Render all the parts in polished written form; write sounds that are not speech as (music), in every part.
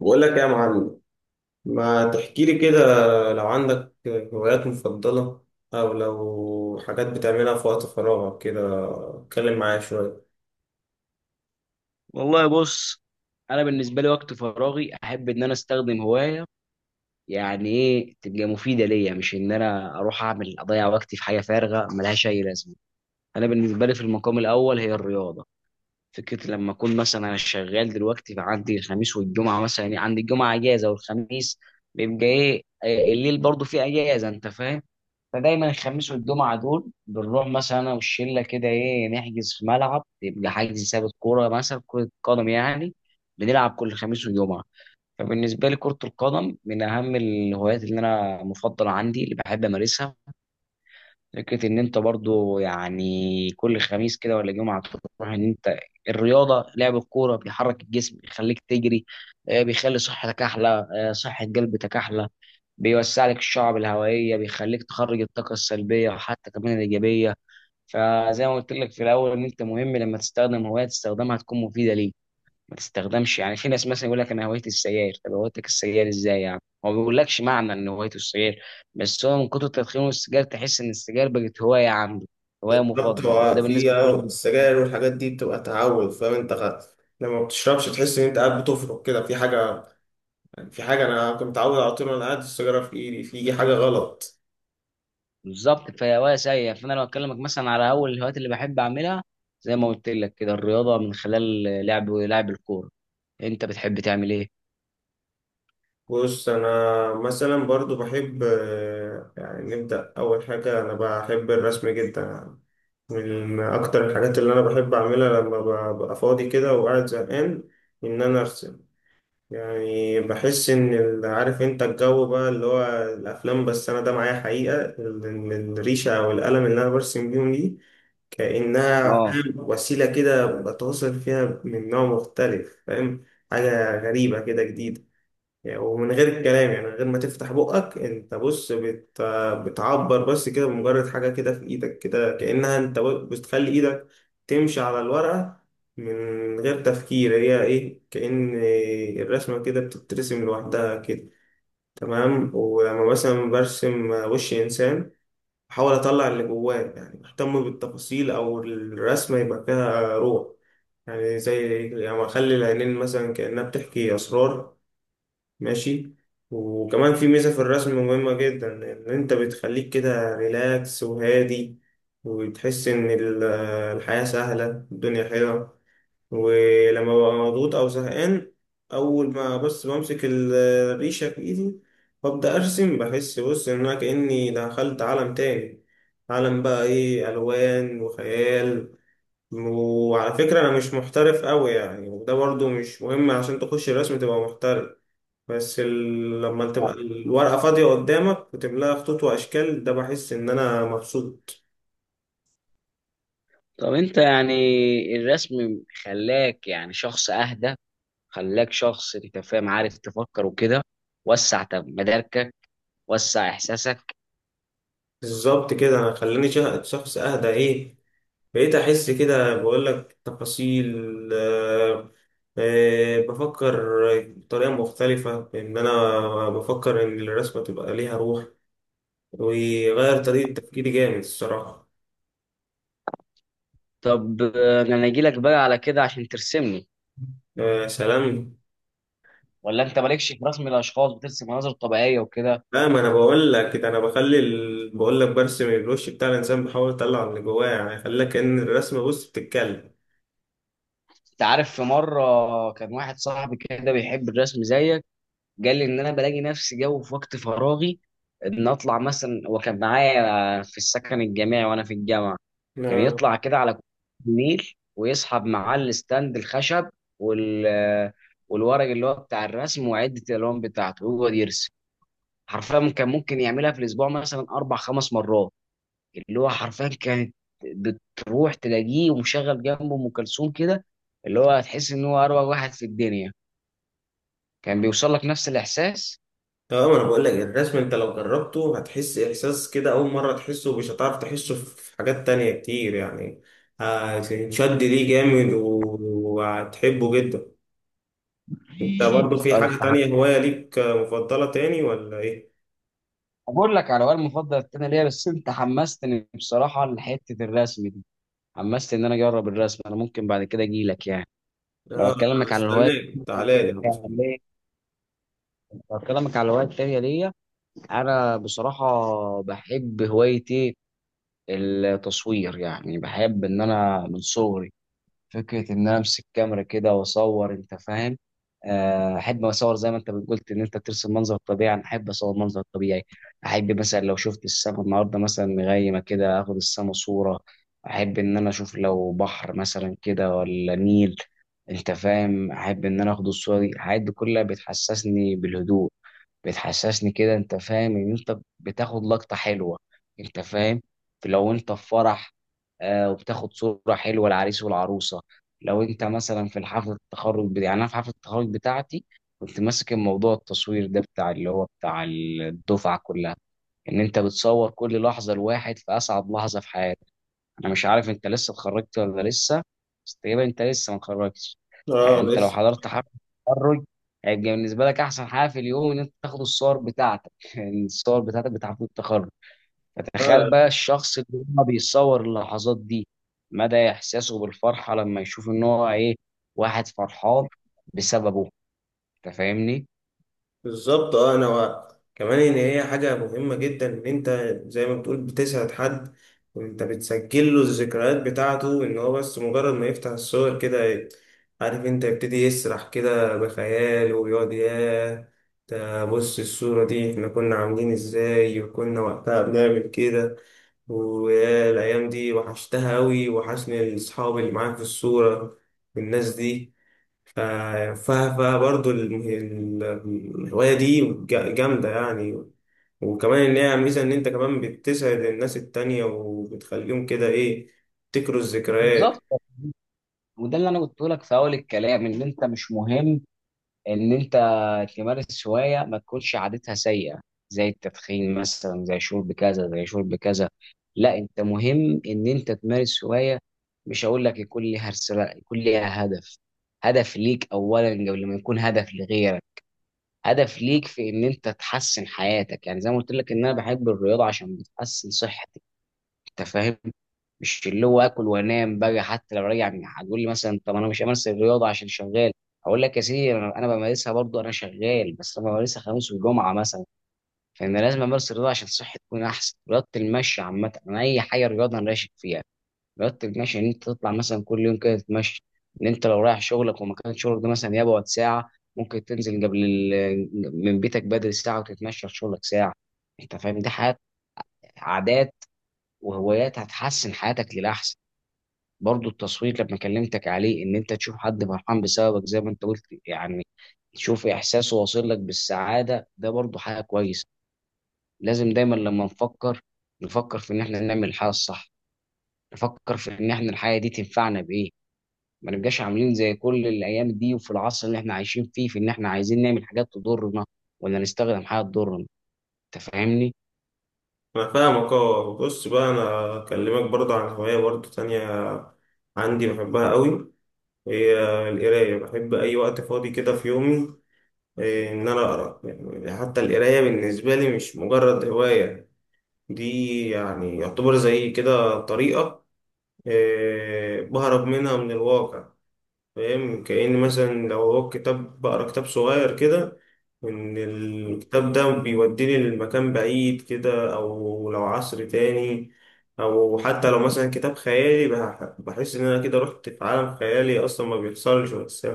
بقول لك يا معلم، ما تحكي لي كده؟ لو عندك هوايات مفضلة أو لو حاجات بتعملها في وقت فراغك كده، اتكلم معايا شوية. والله بص. انا بالنسبه لي وقت فراغي احب ان انا استخدم هوايه يعني ايه تبقى مفيده ليا، مش ان انا اروح اعمل اضيع وقتي في حاجه فارغه ملهاش اي لازمه. انا بالنسبه لي في المقام الاول هي الرياضه. فكره لما اكون مثلا انا شغال دلوقتي، فعندي الخميس والجمعه مثلا، يعني عندي الجمعه اجازه والخميس بيبقى ايه، الليل برضو فيه اجازه، انت فاهم. فدايما الخميس والجمعة دول بنروح مثلا أنا والشلة كده، إيه، نحجز في ملعب، يبقى حجز ثابت كورة مثلا، كرة قدم يعني. بنلعب كل خميس وجمعة. فبالنسبة لي كرة القدم من أهم الهوايات اللي أنا مفضلة عندي، اللي بحب أمارسها. فكرة إن أنت برضو يعني كل خميس كده ولا جمعة تروح، إن أنت الرياضة لعب الكورة بيحرك الجسم، بيخليك تجري، بيخلي صحتك أحلى، صحة قلبك أحلى، بيوسع لك الشعب الهوائيه، بيخليك تخرج الطاقه السلبيه وحتى كمان الايجابيه. فزي ما قلت لك في الاول، ان انت مهم لما تستخدم هوايه تستخدمها تكون مفيده ليك. ما تستخدمش يعني، في ناس مثلا يقول لك انا هوايتي السجاير، طب هوايتك السجاير ازاي يعني؟ هو ما بيقولكش معنى ان هوايته السجاير، بس هو من كتر تدخينه السجاير تحس ان السجاير بقت هوايه عنده، هوايه بالظبط، مفضله، هو وده في بالنسبه لكل. السجاير والحاجات دي بتبقى تعود، فاهم انت؟ لما بتشربش تحس إن أنت قاعد بتفرك كده في حاجة. في حاجة أنا كنت متعود على طول وأنا قاعد السيجارة في إيدي، في حاجة غلط. بالظبط، فهي هوايه سيئه. فانا لو اكلمك مثلا على اول الهوايات اللي بحب اعملها، زي ما قلت لك كده، الرياضه من خلال لعب الكوره. انت بتحب تعمل ايه؟ بص، أنا مثلا برضو بحب، يعني نبدأ، أول حاجة أنا بحب الرسم جدا، من أكتر الحاجات اللي أنا بحب أعملها لما ببقى فاضي كده وقاعد زهقان، إن أنا أرسم. يعني بحس إن عارف أنت الجو بقى اللي هو الأفلام، بس أنا ده معايا حقيقة، الريشة أو القلم اللي أنا برسم بيهم دي كأنها، اه. فاهم، وسيلة كده بتواصل فيها من نوع مختلف، فاهم. حاجة غريبة كده جديدة. يعني ومن غير الكلام، يعني من غير ما تفتح بقك انت، بص بتعبر بس كده بمجرد حاجة كده في ايدك، كده كأنها انت بتخلي ايدك تمشي على الورقة من غير تفكير، هي ايه، كأن الرسمة كده بتترسم لوحدها كده. تمام، ولما مثلا برسم وش انسان بحاول اطلع اللي جواه، يعني بهتم بالتفاصيل او الرسمة يبقى فيها روح، يعني زي يعني اخلي العينين مثلا كأنها بتحكي اسرار. ماشي. وكمان في ميزة في الرسم مهمة جدا، إن أنت بتخليك كده ريلاكس وهادي، وتحس إن الحياة سهلة، الدنيا حلوة. ولما ببقى مضغوط أو زهقان، أول ما بس بمسك الريشة في إيدي وأبدأ أرسم، بحس، بص، إن أنا كأني دخلت عالم تاني، عالم بقى إيه، ألوان وخيال. وعلى فكرة أنا مش محترف أوي يعني، وده برضو مش مهم عشان تخش الرسم تبقى محترف. بس لما تبقى الورقة فاضية قدامك وتملاها خطوط وأشكال، ده بحس إن أنا مبسوط. طب انت يعني الرسم خلاك يعني شخص اهدى، خلاك شخص انت فاهم عارف تفكر وكده، وسع طب مداركك، وسع احساسك. بالظبط كده، أنا خلاني شخص أهدى، إيه، بقيت أحس كده، بقول لك تفاصيل. آه. آه، بفكر بطريقة مختلفة، إن أنا بفكر إن الرسمة تبقى ليها روح، ويغير طريقة تفكيري جامد الصراحة. طب، انا اجي لك بقى على كده عشان ترسمني؟ آه سلام. ولا انت مالكش في رسم الاشخاص، بترسم مناظر طبيعيه وكده؟ لا، ما انا بقول لك ده، انا بخلي بقول لك برسم الوش بتاع الانسان، بحاول اطلع اللي جواه، يعني خلي كأن الرسمه، بص، بتتكلم. انت عارف في مره كان واحد صاحبي كده بيحب الرسم زيك. قال لي ان انا بلاقي نفسي جو في وقت فراغي ان اطلع مثلا. هو كان معايا في السكن الجامعي وانا في الجامعه. كان اه. يطلع كده على كوبري النيل ويسحب معاه الستاند الخشب وال والورق اللي هو بتاع الرسم، وعده الالوان بتاعته ويقعد يرسم. حرفيا كان ممكن يعملها في الاسبوع مثلا اربع خمس مرات. اللي هو حرفيا كانت بتروح تلاقيه ومشغل جنبه ام كلثوم كده، اللي هو هتحس ان هو اروع واحد في الدنيا. كان بيوصل لك نفس الاحساس. اه، ما انا بقول لك الرسم انت لو جربته هتحس احساس كده اول مره تحسه، مش هتعرف تحسه في حاجات تانية كتير يعني. هتنشد ليه جامد وهتحبه جدا. انت برضو في أنا حاجه تانية، هوايه ليك مفضله تاني ولا ايه؟ بقول لك على هو المفضل التاني ليا، بس انت حمستني بصراحه لحته الرسم دي. حمستني ان انا اجرب الرسم. انا ممكن بعد كده اجي لك يعني. لو اه، أنا اكلمك على استناك، تعالى لي. التانية- لو اكلمك على الهوايات التانية ليا، انا بصراحه بحب هوايه ايه، التصوير. يعني بحب ان انا من صغري فكرة إن أنا أمسك كاميرا كده وأصور، أنت فاهم. أحب أصور زي ما أنت قلت إن أنت ترسم منظر طبيعي، أنا أحب أصور منظر طبيعي. أحب مثلا لو شفت السما النهاردة مثلا مغيمة كده، آخد السما صورة. أحب إن أنا أشوف لو بحر مثلا كده ولا نيل، أنت فاهم، أحب إن أنا آخد الصورة دي. الحاجات دي كلها بتحسسني بالهدوء، بتحسسني كده انت فاهم ان انت بتاخد لقطة حلوة، انت فاهم. لو انت في فرح وبتاخد صورة حلوة العريس والعروسة. لو انت مثلا في حفلة التخرج بتاعتي، يعني انا في حفلة التخرج بتاعتي كنت ماسك الموضوع التصوير ده بتاع اللي هو بتاع الدفعة كلها. ان انت بتصور كل لحظة الواحد في اسعد لحظة في حياته. انا مش عارف انت لسه اتخرجت ولا لسه، بس تقريبا انت لسه ما اتخرجتش. اه يعني انت لو لسه. حضرت حفله التخرج هيبقى بالنسبه لك احسن حاجه في اليوم ان انت تاخد الصور بتاعتك (laughs) يعني الصور بتاعتك بتاع حفله التخرج. فتخيل بقى الشخص اللي هو بيصور اللحظات دي، مدى احساسه بالفرحه لما يشوف ان هو ايه، واحد فرحان بسببه، انت فاهمني؟ بالظبط. اه، انا كمان ان هي حاجه مهمه جدا، ان انت زي ما بتقول بتسعد حد، وانت بتسجل له الذكريات بتاعته، ان هو بس مجرد ما يفتح الصور كده عارف انت، يبتدي يسرح كده بخياله ويقعد ياه، ده بص الصوره دي احنا كنا عاملين ازاي وكنا وقتها بنعمل كده، ويا الأيام دي وحشتها أوي، وحشني الأصحاب اللي معاك في الصورة والناس دي. ف- ف- فبرضه الم- ال- الهواية دي جامدة يعني. وكمان إن هي ميزة إن أنت كمان بتسعد الناس التانية وبتخليهم كده إيه، تفتكروا بالظبط، الذكريات. وده اللي انا قلت لك في اول الكلام، ان انت مش مهم ان انت تمارس هوايه ما تكونش عادتها سيئه، زي التدخين مثلا، زي شرب كذا، زي شرب كذا. لا انت مهم ان انت تمارس هوايه، مش هقول لك يكون ليها رساله، يكون ليها هدف. هدف ليك اولا قبل ما يكون هدف لغيرك. هدف ليك في ان انت تحسن حياتك. يعني زي ما قلت لك، ان انا بحب الرياضه عشان بتحسن صحتك، انت فاهم، مش اللي هو اكل وانام بقى. حتى لو راجع هتقول لي مثلا طب انا مش همارس الرياضه عشان شغال، اقول لك يا سيدي انا بمارسها برضه. انا شغال بس انا بمارسها خميس وجمعه مثلا. فانا لازم امارس الرياضه عشان صحتي تكون احسن. رياضه المشي عامه، انا اي حاجه رياضه انا راشد فيها. رياضه المشي ان انت تطلع مثلا كل يوم كده تتمشى. ان انت لو رايح شغلك ومكان شغلك ده مثلا يبعد ساعه، ممكن تنزل قبل من بيتك بدري ساعه وتتمشى لشغلك ساعه. انت فاهم، دي حاجات، عادات وهوايات هتحسن حياتك للاحسن. برضو التصوير لما كلمتك عليه، ان انت تشوف حد فرحان بسببك زي ما انت قلت يعني، تشوف احساسه واصل لك بالسعاده، ده برضو حاجه كويسه. لازم دايما لما نفكر، نفكر في ان احنا نعمل الحاجه الصح، نفكر في ان احنا الحاجه دي تنفعنا بايه. ما نبقاش عاملين زي كل الايام دي وفي العصر اللي احنا عايشين فيه في ان احنا عايزين نعمل حاجات تضرنا، ولا نستخدم حاجه تضرنا، انت فاهمني؟ أنا فاهمك. أه، بص بقى، أنا أكلمك برضه عن هواية برضه تانية عندي بحبها قوي، هي القراية. بحب أي وقت فاضي كده في يومي، إن أنا أقرأ. يعني حتى القراية بالنسبة لي مش مجرد هواية، دي يعني يعتبر زي كده طريقة بهرب منها من الواقع. فاهم، كأن مثلا لو هو كتاب، بقرا كتاب صغير كده، إن الكتاب ده بيوديني لمكان بعيد كده أو لو عصر تاني. أو حتى لو مثلا كتاب خيالي، بحس إن أنا كده رحت في عالم خيالي أصلا ما بيحصلش، بس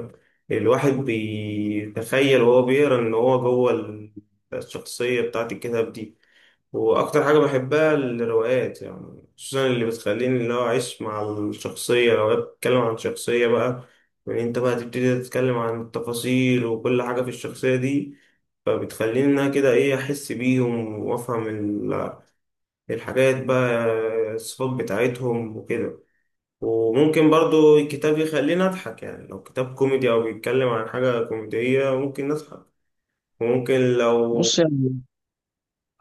الواحد بيتخيل وهو بيقرا إن هو جوه الشخصية بتاعت الكتاب دي. واكتر حاجه بحبها الروايات يعني، خصوصا اللي بتخليني اللي هو اعيش مع الشخصيه، لو هي بتتكلم عن شخصيه بقى، يعني انت بقى تبتدي تتكلم عن التفاصيل وكل حاجه في الشخصيه دي، فبتخليني انها كده ايه، احس بيهم وافهم الحاجات بقى، الصفات بتاعتهم وكده. وممكن برضو الكتاب يخليني اضحك، يعني لو كتاب كوميدي او بيتكلم عن حاجه كوميديه ممكن نضحك. وممكن لو، بص يعني،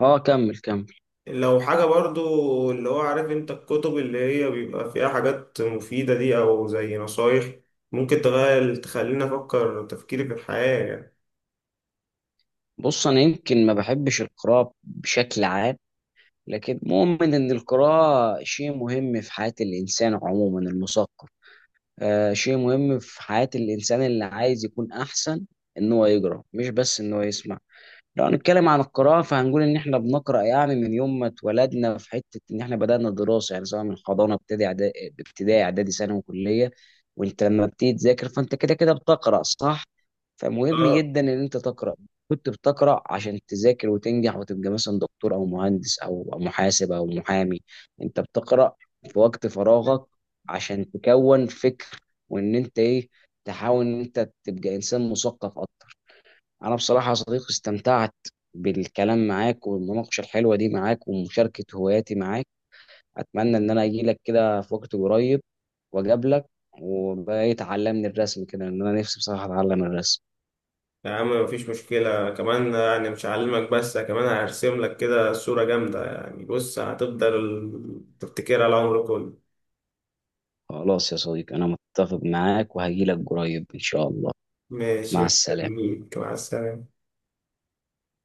اه، كمل كمل. لو حاجة برضو اللي هو عارف انت، الكتب اللي هي بيبقى فيها حاجات مفيدة دي او زي نصايح، ممكن تغير تخليني افكر تفكيري في الحياة يعني. بص انا يمكن ما بحبش القراءه بشكل عام، لكن مؤمن ان القراءة شيء مهم في حياة الانسان عموما المثقف. آه، شيء مهم في حياة الانسان اللي عايز يكون احسن ان هو يقرا مش بس ان هو يسمع. لو هنتكلم عن القراءة فهنقول إن إحنا بنقرأ يعني من يوم ما اتولدنا، في حتة إن إحنا بدأنا الدراسة، يعني سواء من حضانة، ابتدائي، ابتدائي إعدادي ثانوي وكلية. وأنت لما بتيجي تذاكر فأنت كده كده بتقرأ، صح؟ فمهم اه، جدا إن أنت تقرأ. كنت بتقرأ عشان تذاكر وتنجح وتبقى مثلا دكتور أو مهندس أو محاسب أو محامي. أنت بتقرأ في وقت فراغك عشان تكون فكر، وإن أنت إيه، تحاول إن أنت تبقى إنسان مثقف أكتر. انا بصراحه يا صديقي استمتعت بالكلام معاك والمناقشه الحلوه دي معاك ومشاركه هواياتي معاك. اتمنى ان انا اجي لك كده في وقت قريب واقابلك، وبقى تعلمني الرسم كده، ان انا نفسي بصراحه اتعلم الرسم. يا عم مفيش مشكلة، كمان يعني مش هعلمك بس كمان هرسم لك كده صورة جامدة، يعني بص هتفضل تفتكرها العمر كله. خلاص يا صديقي، انا متفق معاك وهجي لك قريب ان شاء الله. ماشي مع السلامه. مستنيك، مع السلامة.